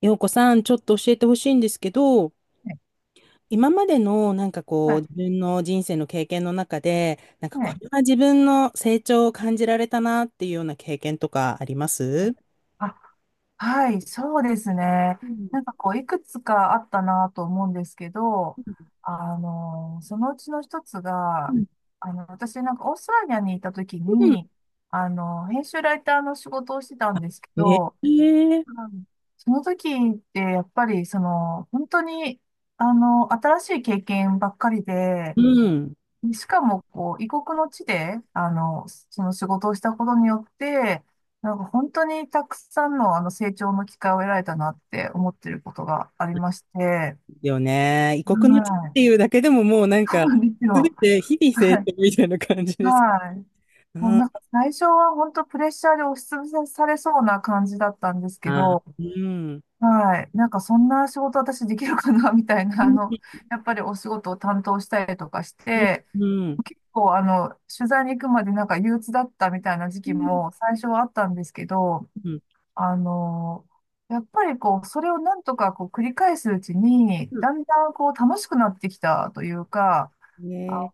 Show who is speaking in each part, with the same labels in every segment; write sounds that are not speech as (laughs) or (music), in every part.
Speaker 1: ようこさん、ちょっと教えてほしいんですけど、
Speaker 2: い、
Speaker 1: 今までのこ
Speaker 2: は
Speaker 1: う、
Speaker 2: い、
Speaker 1: 自分の人生の経験の中で、なんか
Speaker 2: は
Speaker 1: こ
Speaker 2: い。
Speaker 1: れは自分の成長を感じられたなっていうような経験とかあります
Speaker 2: あ、はい、そうですね。
Speaker 1: うん
Speaker 2: なんかこう、いくつかあったなと思うんですけど、
Speaker 1: うん
Speaker 2: そのうちの一つが、
Speaker 1: う
Speaker 2: 私なんかオーストラリアにいた時
Speaker 1: ん。
Speaker 2: に、編集ライターの仕事をしてたんですけ
Speaker 1: え
Speaker 2: ど、
Speaker 1: え
Speaker 2: うんその時ってやっぱりその、本当に、新しい経験ばっかりで、
Speaker 1: うん。
Speaker 2: しかも、こう、異国の地で、その仕事をしたことによって、なんか本当にたくさんの、成長の機会を得られたなって思ってることがありまして、はい。
Speaker 1: よね。異国の地っていうだけでももうなん
Speaker 2: そう
Speaker 1: か、
Speaker 2: なんです
Speaker 1: すべ
Speaker 2: よ。
Speaker 1: て日々
Speaker 2: は
Speaker 1: 成
Speaker 2: い。
Speaker 1: 長みたいな感じです。
Speaker 2: はい。
Speaker 1: うん。
Speaker 2: もう
Speaker 1: あ
Speaker 2: なんか最初は本当プレッシャーで押しつぶされそうな感じだったんですけ
Speaker 1: ー
Speaker 2: ど、
Speaker 1: うん。
Speaker 2: はい。なんかそんな仕事私できるかなみたい
Speaker 1: う
Speaker 2: な、
Speaker 1: ん。
Speaker 2: やっぱりお仕事を担当したりとかし
Speaker 1: うん。
Speaker 2: て、
Speaker 1: うん。
Speaker 2: 構、あの、取材に行くまでなんか憂鬱だったみたいな時期も最初はあったんですけど、
Speaker 1: うん。
Speaker 2: あの、やっぱりこう、それをなんとかこう繰り返すうちに、
Speaker 1: うん
Speaker 2: だんだんこう楽しくなってきたというか、あ、
Speaker 1: ね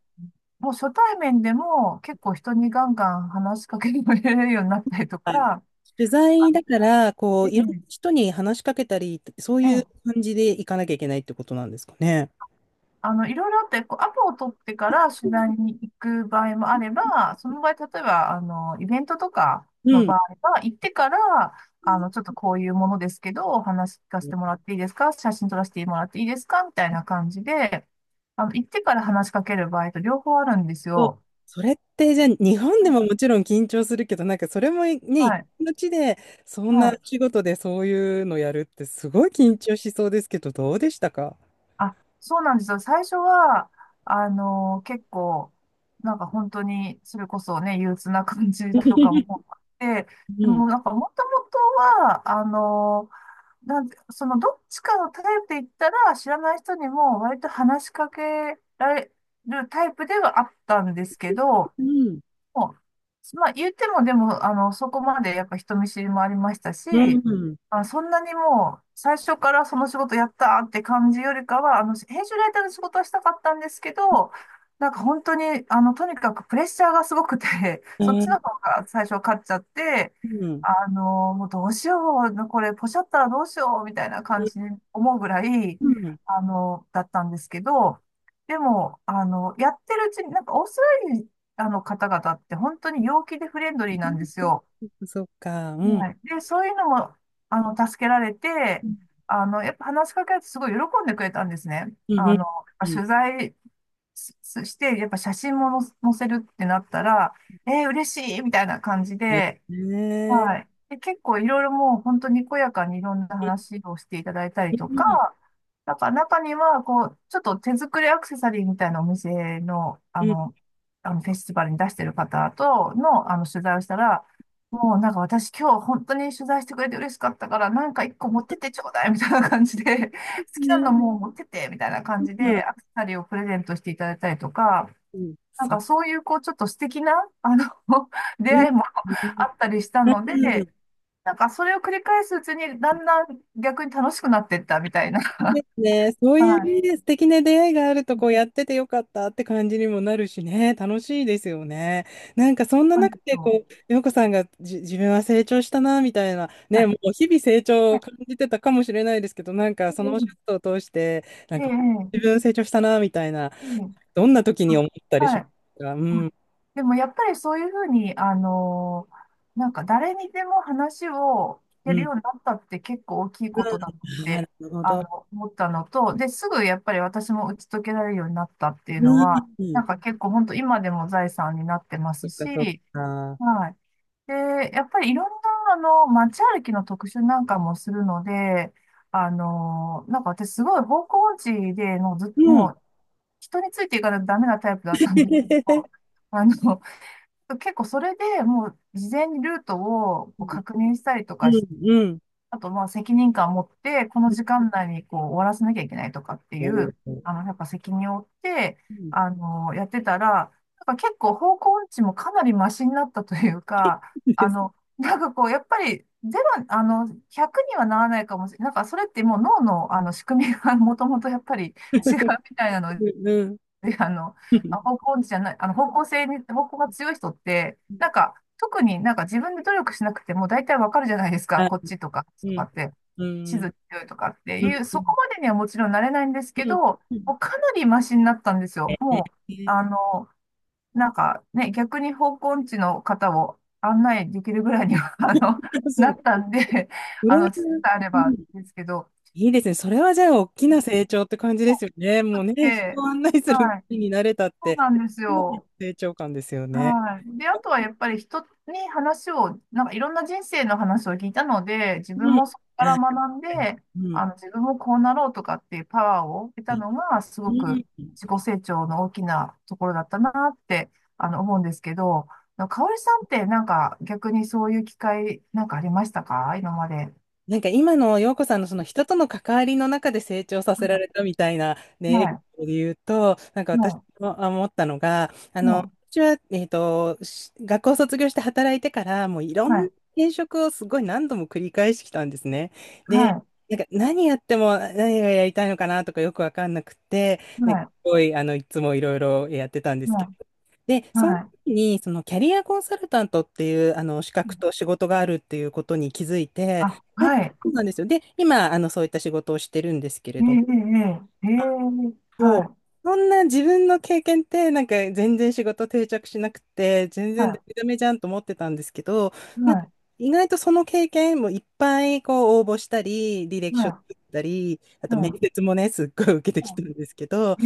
Speaker 2: もう初対面でも結構人にガンガン話しかけられるようになったりと
Speaker 1: はい。
Speaker 2: か、
Speaker 1: 取材だから、こ
Speaker 2: え
Speaker 1: う、
Speaker 2: え、
Speaker 1: いろんな人に話しかけたり、そう
Speaker 2: え
Speaker 1: いう
Speaker 2: え、
Speaker 1: 感じで行かなきゃいけないってことなんですかね。
Speaker 2: いろいろあって、こう、アポを取ってから取材に行く場合もあれば、その場合、例えば、イベントとか
Speaker 1: う
Speaker 2: の
Speaker 1: ん。
Speaker 2: 場合は、行ってから、ちょっとこういうものですけど、お話聞かせてもらっていいですか、写真撮らせてもらっていいですかみたいな感じで、行ってから話しかける場合と両方あるんです
Speaker 1: そう
Speaker 2: よ。
Speaker 1: それって、じゃあ、日本で
Speaker 2: はい、
Speaker 1: ももちろん緊張するけど、なんかそれもね、一
Speaker 2: はい。
Speaker 1: 国の地で、そん
Speaker 2: は
Speaker 1: な
Speaker 2: い。
Speaker 1: 仕事でそういうのやるって、すごい緊張しそうですけど、どうでしたか？
Speaker 2: あ、そうなんですよ。最初は、結構、なんか本当に、それこそね、憂鬱な感じとかもあって、で
Speaker 1: うん。
Speaker 2: もなんかもともとは、なんて、そのどっちかのタイプで言ったら、知らない人にも割と話しかけられるタイプではあったんですけど、
Speaker 1: うん。
Speaker 2: もうまあ、言っても、でも、そこまでやっぱ人見知りもありましたし、
Speaker 1: うん。
Speaker 2: あ、そんなにもう、最初からその仕事やったーって感じよりかは、編集ライターの仕事はしたかったんですけど、なんか本当に、とにかくプレッシャーがすごくて、(laughs)
Speaker 1: う
Speaker 2: そっちの
Speaker 1: ん。
Speaker 2: 方が最初勝っちゃって、
Speaker 1: うん。
Speaker 2: もうどうしよう、これ、ポシャったらどうしよう、みたいな感じに思うぐらい、
Speaker 1: うん
Speaker 2: だったんですけど、でも、やってるうちに、なんかオーストラあの方々って本当に陽気でフレンドリーなんですよ。
Speaker 1: そっか。うん。
Speaker 2: はい。で、そういうのも、助けられ
Speaker 1: う
Speaker 2: て、
Speaker 1: ん。
Speaker 2: やっぱ話しかけられてすごい喜んでくれたんですね。
Speaker 1: うん。うん
Speaker 2: 取材しして、やっぱ写真も載せるってなったら、えー、嬉しいみたいな感じで、
Speaker 1: ね
Speaker 2: はい。で、結構いろいろもう本当にこやかにいろんな
Speaker 1: え。
Speaker 2: 話をしていただいたりとか、なんか中には、こう、ちょっと手作りアクセサリーみたいなお店の、
Speaker 1: うん。
Speaker 2: あのフェスティバルに出してる方との、取材をしたら、もうなんか私今日本当に取材してくれて嬉しかったから、なんか一個持ってってちょうだいみたいな感じで、(laughs) 好きな
Speaker 1: ね、
Speaker 2: のもう持ってってみたいな感じ
Speaker 1: う
Speaker 2: で、
Speaker 1: ん、
Speaker 2: アクセサリーをプレゼントしていただいたりとか、
Speaker 1: うん、
Speaker 2: なん
Speaker 1: そう、
Speaker 2: かそういう、こう、ちょっと素敵な、あの、(laughs) 出
Speaker 1: いい
Speaker 2: 会い
Speaker 1: ね。
Speaker 2: も (laughs) あったりした
Speaker 1: う
Speaker 2: の
Speaker 1: ん、
Speaker 2: で、なんかそれを繰り返すうちに、だんだん逆に楽しくなっていったみたいな。
Speaker 1: で
Speaker 2: (laughs)
Speaker 1: すね、そう
Speaker 2: は
Speaker 1: いう
Speaker 2: い。
Speaker 1: ね、素敵な出会いがあると、こうやっててよかったって感じにもなるしね、楽しいですよね。なんかそんな
Speaker 2: そうなんで
Speaker 1: 中
Speaker 2: す
Speaker 1: で、
Speaker 2: よ、
Speaker 1: こう、洋子さんがじ自分は成長したな、みたいな、
Speaker 2: は
Speaker 1: ね、も
Speaker 2: い。
Speaker 1: う日々成長
Speaker 2: は
Speaker 1: を
Speaker 2: い。
Speaker 1: 感じてたかもしれないですけど、なんかそ
Speaker 2: え
Speaker 1: のお仕事を通して、なん
Speaker 2: ええ
Speaker 1: か自
Speaker 2: ええ
Speaker 1: 分成長したな、みたいな、
Speaker 2: えええ、
Speaker 1: どんな時に思った
Speaker 2: あ、
Speaker 1: りし
Speaker 2: は
Speaker 1: ま
Speaker 2: い。
Speaker 1: すか？う
Speaker 2: う
Speaker 1: ん、
Speaker 2: ん。でもやっぱりそういうふうに、なんか誰にでも話を聞
Speaker 1: う
Speaker 2: ける
Speaker 1: ん、
Speaker 2: ようになったって結構大きいことだなっ
Speaker 1: うな
Speaker 2: て、
Speaker 1: るほど。
Speaker 2: 思ったのと、で、すぐやっぱり私も打ち解けられるようになったっていう
Speaker 1: う
Speaker 2: のは、
Speaker 1: ん、
Speaker 2: なんか結構本当今でも財産になってま
Speaker 1: そ
Speaker 2: す
Speaker 1: っかそっ
Speaker 2: し、
Speaker 1: か。
Speaker 2: はい。で、やっぱりいろんな、街歩きの特集なんかもするので、あのなんか私すごい方向音痴で、もうず、
Speaker 1: うん
Speaker 2: もう人についていかないとダメなタイプだったんですけど、
Speaker 1: (laughs)
Speaker 2: (laughs) あの、結構それでもう事前にルートを
Speaker 1: う
Speaker 2: こう
Speaker 1: ん
Speaker 2: 確認したりとかし、
Speaker 1: うんうん。
Speaker 2: あとまあ責任感を持って、この時間内にこう終わらせなきゃいけないとかってい
Speaker 1: お
Speaker 2: う、
Speaker 1: ー
Speaker 2: やっぱ責任を負って、
Speaker 1: うん。
Speaker 2: やってたら、なんか結構方向音痴もかなりマシになったというか、
Speaker 1: です。
Speaker 2: なんかこう、やっぱりゼロ、100にはならないかもしれない。なんかそれってもう脳の、あの仕組みが (laughs) もともとやっぱり違うみたいなの
Speaker 1: うん。
Speaker 2: で、
Speaker 1: うん。
Speaker 2: あ方向じゃない、あの、方向が強い人って、なんか、特になんか自分で努力しなくても大体わかるじゃないですか。
Speaker 1: あ、
Speaker 2: こっちとか、
Speaker 1: う
Speaker 2: とか
Speaker 1: ん。
Speaker 2: って、
Speaker 1: う
Speaker 2: 地
Speaker 1: ん。
Speaker 2: 図強いとかって
Speaker 1: うん。
Speaker 2: いう、
Speaker 1: う
Speaker 2: そこ
Speaker 1: ん。
Speaker 2: までにはもちろんなれないんですけ
Speaker 1: う
Speaker 2: ど、
Speaker 1: ん。うん。
Speaker 2: もうかなりマシになったんですよ。
Speaker 1: ええ。
Speaker 2: もう、あ
Speaker 1: (laughs)
Speaker 2: の、なんかね、逆に方向音痴の方を案内できるぐらいには、(laughs)
Speaker 1: す
Speaker 2: な
Speaker 1: ご
Speaker 2: っ
Speaker 1: い。
Speaker 2: たんで、
Speaker 1: それは
Speaker 2: 地図さえあれ
Speaker 1: う
Speaker 2: ば
Speaker 1: ん。
Speaker 2: ですけど、
Speaker 1: いいですね。それはじゃあ、大きな成長って感じで
Speaker 2: も
Speaker 1: すよね。もう
Speaker 2: う、
Speaker 1: ね、人
Speaker 2: で、
Speaker 1: を案内する
Speaker 2: はい、
Speaker 1: 気になれたっ
Speaker 2: そう
Speaker 1: て、
Speaker 2: なんです
Speaker 1: かなりの
Speaker 2: よ。
Speaker 1: 成長感ですよね。
Speaker 2: はい。で、あとはやっぱり人に話を、なんかいろんな人生の話を聞いたので、自
Speaker 1: う
Speaker 2: 分
Speaker 1: ん。あ、
Speaker 2: もそこから学んで、
Speaker 1: うん。
Speaker 2: 自分もこうなろうとかっていうパワーを得たのが、す
Speaker 1: う
Speaker 2: ご
Speaker 1: ん。
Speaker 2: く自己成長の大きなところだったなって、思うんですけど、かおりさんってなんか逆にそういう機会なんかありましたか、今まで。
Speaker 1: なんか今の陽子さんのその人との関わりの中で成長さ
Speaker 2: は
Speaker 1: せられ
Speaker 2: い、
Speaker 1: たみたいな
Speaker 2: は
Speaker 1: ね、エピ
Speaker 2: い、
Speaker 1: ソードで言うと、なんか私
Speaker 2: は
Speaker 1: もあ思ったのが、私は、し学校卒業して働いてから、もういろ
Speaker 2: い、
Speaker 1: ん
Speaker 2: は
Speaker 1: な
Speaker 2: い、
Speaker 1: 転職をすごい何度も繰り返してきたんですね。で、なんか何やっても何がやりたいのかなとかよくわかんなくて、
Speaker 2: は
Speaker 1: なんかす
Speaker 2: い、
Speaker 1: ごい、いつもいろいろやってたんです
Speaker 2: は
Speaker 1: けど、
Speaker 2: い、
Speaker 1: で、
Speaker 2: は
Speaker 1: その
Speaker 2: い、は
Speaker 1: 時に、そのキャリアコンサルタントっていう、資
Speaker 2: い。
Speaker 1: 格と仕事があるっていうことに気づいて、
Speaker 2: あ、はい。
Speaker 1: そうなんですよ。で、今、そういった仕事をしてるんですけれども、
Speaker 2: えええええええ
Speaker 1: あ
Speaker 2: え、
Speaker 1: そ
Speaker 2: は
Speaker 1: う、
Speaker 2: い。
Speaker 1: そんな自分の経験って、なんか全然仕事定着しなくて、全
Speaker 2: は
Speaker 1: 然ダ
Speaker 2: い、
Speaker 1: メダメじゃんと思ってたんですけど、
Speaker 2: は
Speaker 1: なんか
Speaker 2: い、
Speaker 1: 意外とその経験もいっぱいこう応募したり、履歴
Speaker 2: はい、
Speaker 1: 書作
Speaker 2: は
Speaker 1: ったり、あと面
Speaker 2: い、
Speaker 1: 接もね、すっごい受けてき
Speaker 2: は
Speaker 1: たんですけど、
Speaker 2: い。え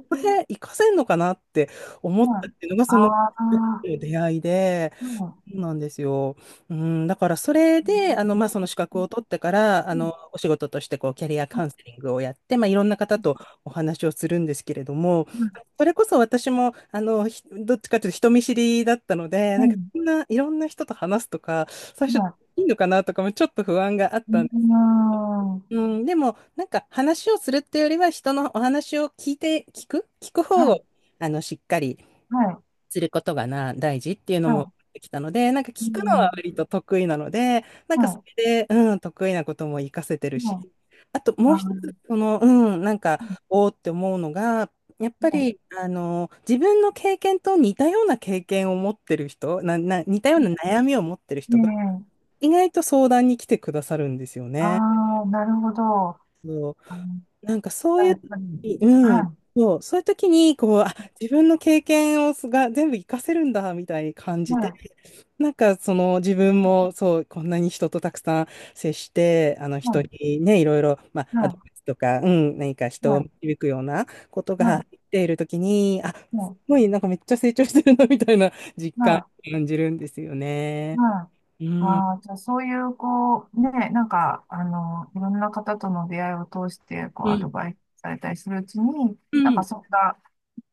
Speaker 2: ー、
Speaker 1: これ活かせるのかなって思っ
Speaker 2: はい。
Speaker 1: たっていうのが、
Speaker 2: あ
Speaker 1: その
Speaker 2: あ、は
Speaker 1: 出会いで、
Speaker 2: い。うん、う
Speaker 1: そうなんですよ。うん、だからそれで、
Speaker 2: ん、
Speaker 1: まあ、その資格を取っ
Speaker 2: う
Speaker 1: てから、
Speaker 2: ん、
Speaker 1: お仕事として、こう、キャリアカウンセリングをやって、まあ、いろんな方
Speaker 2: う
Speaker 1: とお話をするんですけれども、
Speaker 2: ん、
Speaker 1: それこそ私も、ひどっちかというと人見知りだったので、
Speaker 2: う
Speaker 1: なんか、
Speaker 2: ん、
Speaker 1: そんな、いろんな人と話すとか、最初、
Speaker 2: はい。
Speaker 1: いいのかなとかもちょっと不安があっ
Speaker 2: う
Speaker 1: たんです。
Speaker 2: ん、
Speaker 1: うん、でも、なんか、話をするっていうよりは、人のお話を聞いて、聞く、聞く
Speaker 2: は
Speaker 1: 方
Speaker 2: い、
Speaker 1: を、しっかり、
Speaker 2: はい、
Speaker 1: 知ることがな、大事っていうのも
Speaker 2: は
Speaker 1: できたので、なんか
Speaker 2: い。う
Speaker 1: 聞くのは
Speaker 2: ん、
Speaker 1: 割と得意なので、なんかそ
Speaker 2: は
Speaker 1: れで、うん、得意なことも活かせてる
Speaker 2: い、は
Speaker 1: し、
Speaker 2: い。
Speaker 1: あと
Speaker 2: あ
Speaker 1: もう
Speaker 2: あ、
Speaker 1: 一
Speaker 2: は
Speaker 1: つ、その、なんか、
Speaker 2: い、
Speaker 1: おーって思うのが、やっぱり、自分の経験と似たような経験を持ってる人、な、な、似たような悩みを持ってる
Speaker 2: う
Speaker 1: 人が、
Speaker 2: ん。ええ、
Speaker 1: 意外と相談に来てくださるんですよ
Speaker 2: あ
Speaker 1: ね。
Speaker 2: あー、なるほど。あ
Speaker 1: そう、
Speaker 2: の、
Speaker 1: なんかそうい
Speaker 2: や
Speaker 1: う
Speaker 2: っぱり。
Speaker 1: 時、う
Speaker 2: は
Speaker 1: ん、
Speaker 2: い、
Speaker 1: そう、そういう時に、こう、あ、自分の経験をすが全部活かせるんだ、みたいに感じ
Speaker 2: は
Speaker 1: て、
Speaker 2: い、
Speaker 1: (laughs) なんかその自分も、そう、こんなに人とたくさん接して、あの
Speaker 2: は
Speaker 1: 人
Speaker 2: い、
Speaker 1: にね、いろいろ、まあ、
Speaker 2: は
Speaker 1: アドバイ
Speaker 2: い、
Speaker 1: スとか、うん、何か人
Speaker 2: は
Speaker 1: を
Speaker 2: い、
Speaker 1: 導くようなこと
Speaker 2: はい、
Speaker 1: が
Speaker 2: は
Speaker 1: できている時に、あ、す
Speaker 2: い、
Speaker 1: ごい、なんかめっちゃ成長してるな、みたいな実
Speaker 2: は
Speaker 1: 感
Speaker 2: い、
Speaker 1: を感じるんですよね。
Speaker 2: はい。
Speaker 1: うん、
Speaker 2: ああ、じゃあそういう、こう、ね、なんか、いろんな方との出会いを通して、こう、
Speaker 1: う
Speaker 2: アド
Speaker 1: ん、
Speaker 2: バイスされたりするうちに、
Speaker 1: う
Speaker 2: なんか
Speaker 1: ん。
Speaker 2: それが、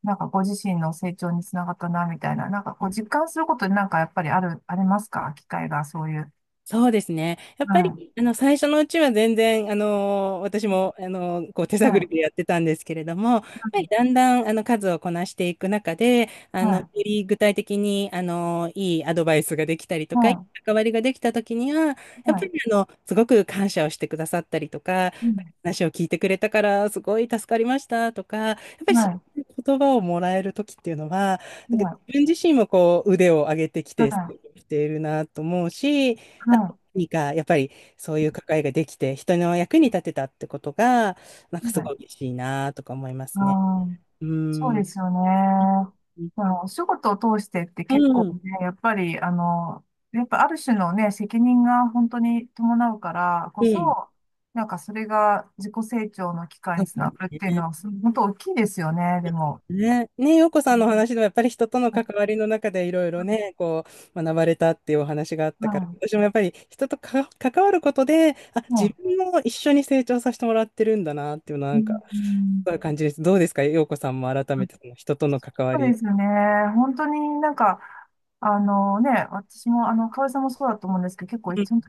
Speaker 2: なんかご自身の成長につながったな、みたいな、なんかこう、実感することに、なんかやっぱりある、ありますか、機会が、そういう。
Speaker 1: そうですね。やっぱ
Speaker 2: は
Speaker 1: り、最初のうちは全然、あの私も、あのこう、手
Speaker 2: い。
Speaker 1: 探
Speaker 2: はい。
Speaker 1: りでやってたんですけれども、やっぱりだんだん、数をこなしていく中で、
Speaker 2: は
Speaker 1: よ
Speaker 2: い。
Speaker 1: り具体的に、あのいいアドバイスができたりとか、いい
Speaker 2: は
Speaker 1: 関わりができた時には、やっ
Speaker 2: い。
Speaker 1: ぱり、
Speaker 2: は
Speaker 1: すごく感謝をしてくださったりとか、
Speaker 2: い。うん、
Speaker 1: 話を聞いてくれたから、すごい助かりましたとか、やっぱりそ
Speaker 2: はい。
Speaker 1: ういう言葉をもらえる時っていうのは、なん
Speaker 2: は
Speaker 1: か自
Speaker 2: い。
Speaker 1: 分自身もこう、腕を上げてき
Speaker 2: は
Speaker 1: て、し
Speaker 2: い。
Speaker 1: ているなと思うし、あと
Speaker 2: は
Speaker 1: 何か、やっぱりそういう関わりができて、人の役に立てたってことが、なんか
Speaker 2: い。
Speaker 1: す
Speaker 2: は
Speaker 1: ご
Speaker 2: い。
Speaker 1: い嬉しいなとか思いま
Speaker 2: あ
Speaker 1: すね。
Speaker 2: あ、
Speaker 1: う
Speaker 2: そう
Speaker 1: ー
Speaker 2: で
Speaker 1: ん。
Speaker 2: すよね。
Speaker 1: うん。
Speaker 2: まあ、お仕事を通してって結構ね、やっぱり、やっぱある種のね、責任が本当に伴うから
Speaker 1: う
Speaker 2: こ
Speaker 1: ん。
Speaker 2: そ、なんかそれが自己成長の機会
Speaker 1: そ
Speaker 2: に
Speaker 1: う
Speaker 2: つながるっ
Speaker 1: です
Speaker 2: ていう
Speaker 1: ね。
Speaker 2: のは、本当大きいですよね、でも。
Speaker 1: ね、ね、洋子さんのお
Speaker 2: う
Speaker 1: 話でもやっぱり人との関わりの中でいろいろ
Speaker 2: ん、
Speaker 1: ね、こう、学ばれたっていうお話があった
Speaker 2: う
Speaker 1: から、
Speaker 2: ん、
Speaker 1: 私もやっぱり人とか関わることで、あ、
Speaker 2: うん、
Speaker 1: 自
Speaker 2: う、
Speaker 1: 分も一緒に成長させてもらってるんだなっていうのは
Speaker 2: う
Speaker 1: なんか、
Speaker 2: ん。
Speaker 1: そういう感じです。どうですか、洋子さんも改めてその人との関わ
Speaker 2: そうで
Speaker 1: り。
Speaker 2: すよね。本当になんか、あのね、私も、河合さんもそうだと思うんですけど、結構
Speaker 1: うん。
Speaker 2: 一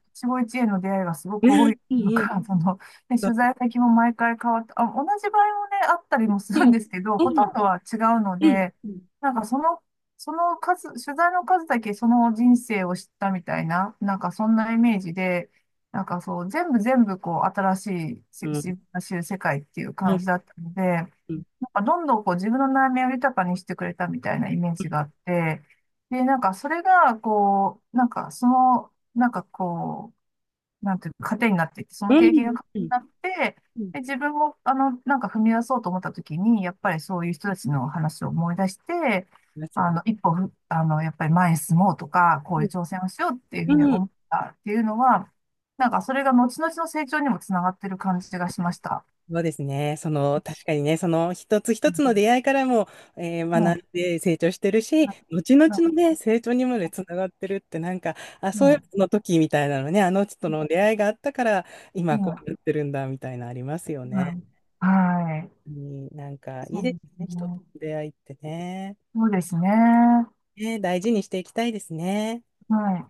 Speaker 2: 期一会の出会いがすご
Speaker 1: う
Speaker 2: く多
Speaker 1: ん
Speaker 2: いの
Speaker 1: うん。
Speaker 2: か、(laughs) その、ね、取材先も毎回変わって、あ、同じ場合もね、あったりもす
Speaker 1: う
Speaker 2: る
Speaker 1: ん、う
Speaker 2: ん
Speaker 1: ん、
Speaker 2: ですけど、ほとんどは違うの
Speaker 1: うん、
Speaker 2: で、なんかその、その数、取材の数だけその人生を知ったみたいな、なんかそんなイメージで、なんかそう、全部全部こう、新し
Speaker 1: う
Speaker 2: い、
Speaker 1: ん、
Speaker 2: 知る世界っていう
Speaker 1: うん、う
Speaker 2: 感
Speaker 1: ん、
Speaker 2: じだったので、
Speaker 1: うん、う
Speaker 2: なんかどんどんこう自分の悩みを豊かにしてくれたみたいなイメージがあって、で、なんかそれが、こう、なんかその、なんかこう、なんていうか、糧になっていって、その経験が糧に
Speaker 1: ん、
Speaker 2: なって、
Speaker 1: うん、い
Speaker 2: で、自分も、なんか踏み出そうと思った時に、やっぱりそういう人たちの話を思い出して、
Speaker 1: ますよ
Speaker 2: あ
Speaker 1: ね。
Speaker 2: の、一歩ふ、あの、やっぱり前に進もうとか、こういう挑戦をしようっていうふ
Speaker 1: う
Speaker 2: うに
Speaker 1: ん、うん、
Speaker 2: 思ったっていうのは、なんかそれが後々の成長にもつながってる感じがしました。
Speaker 1: そうですね。その、確かにね、その一つ
Speaker 2: う
Speaker 1: 一つ
Speaker 2: ん。
Speaker 1: の出会いからも、えー
Speaker 2: う
Speaker 1: 学
Speaker 2: ん。
Speaker 1: んで成長してるし、後々
Speaker 2: うん、
Speaker 1: のね、成長にまでつながってるって、なんか、あ、
Speaker 2: う
Speaker 1: そうい
Speaker 2: ん、
Speaker 1: うの時みたいなのね、あの人との出会いがあったから、今
Speaker 2: ま
Speaker 1: こ
Speaker 2: あ、
Speaker 1: うなってるんだ、みたいなありますよね。
Speaker 2: まあ、はい。
Speaker 1: うん、なんか、い
Speaker 2: そ
Speaker 1: い
Speaker 2: う
Speaker 1: です
Speaker 2: で
Speaker 1: ね、
Speaker 2: す
Speaker 1: 人と
Speaker 2: ね。
Speaker 1: の出会いってね。
Speaker 2: そうですね。
Speaker 1: ね、大事にしていきたいですね。
Speaker 2: はい。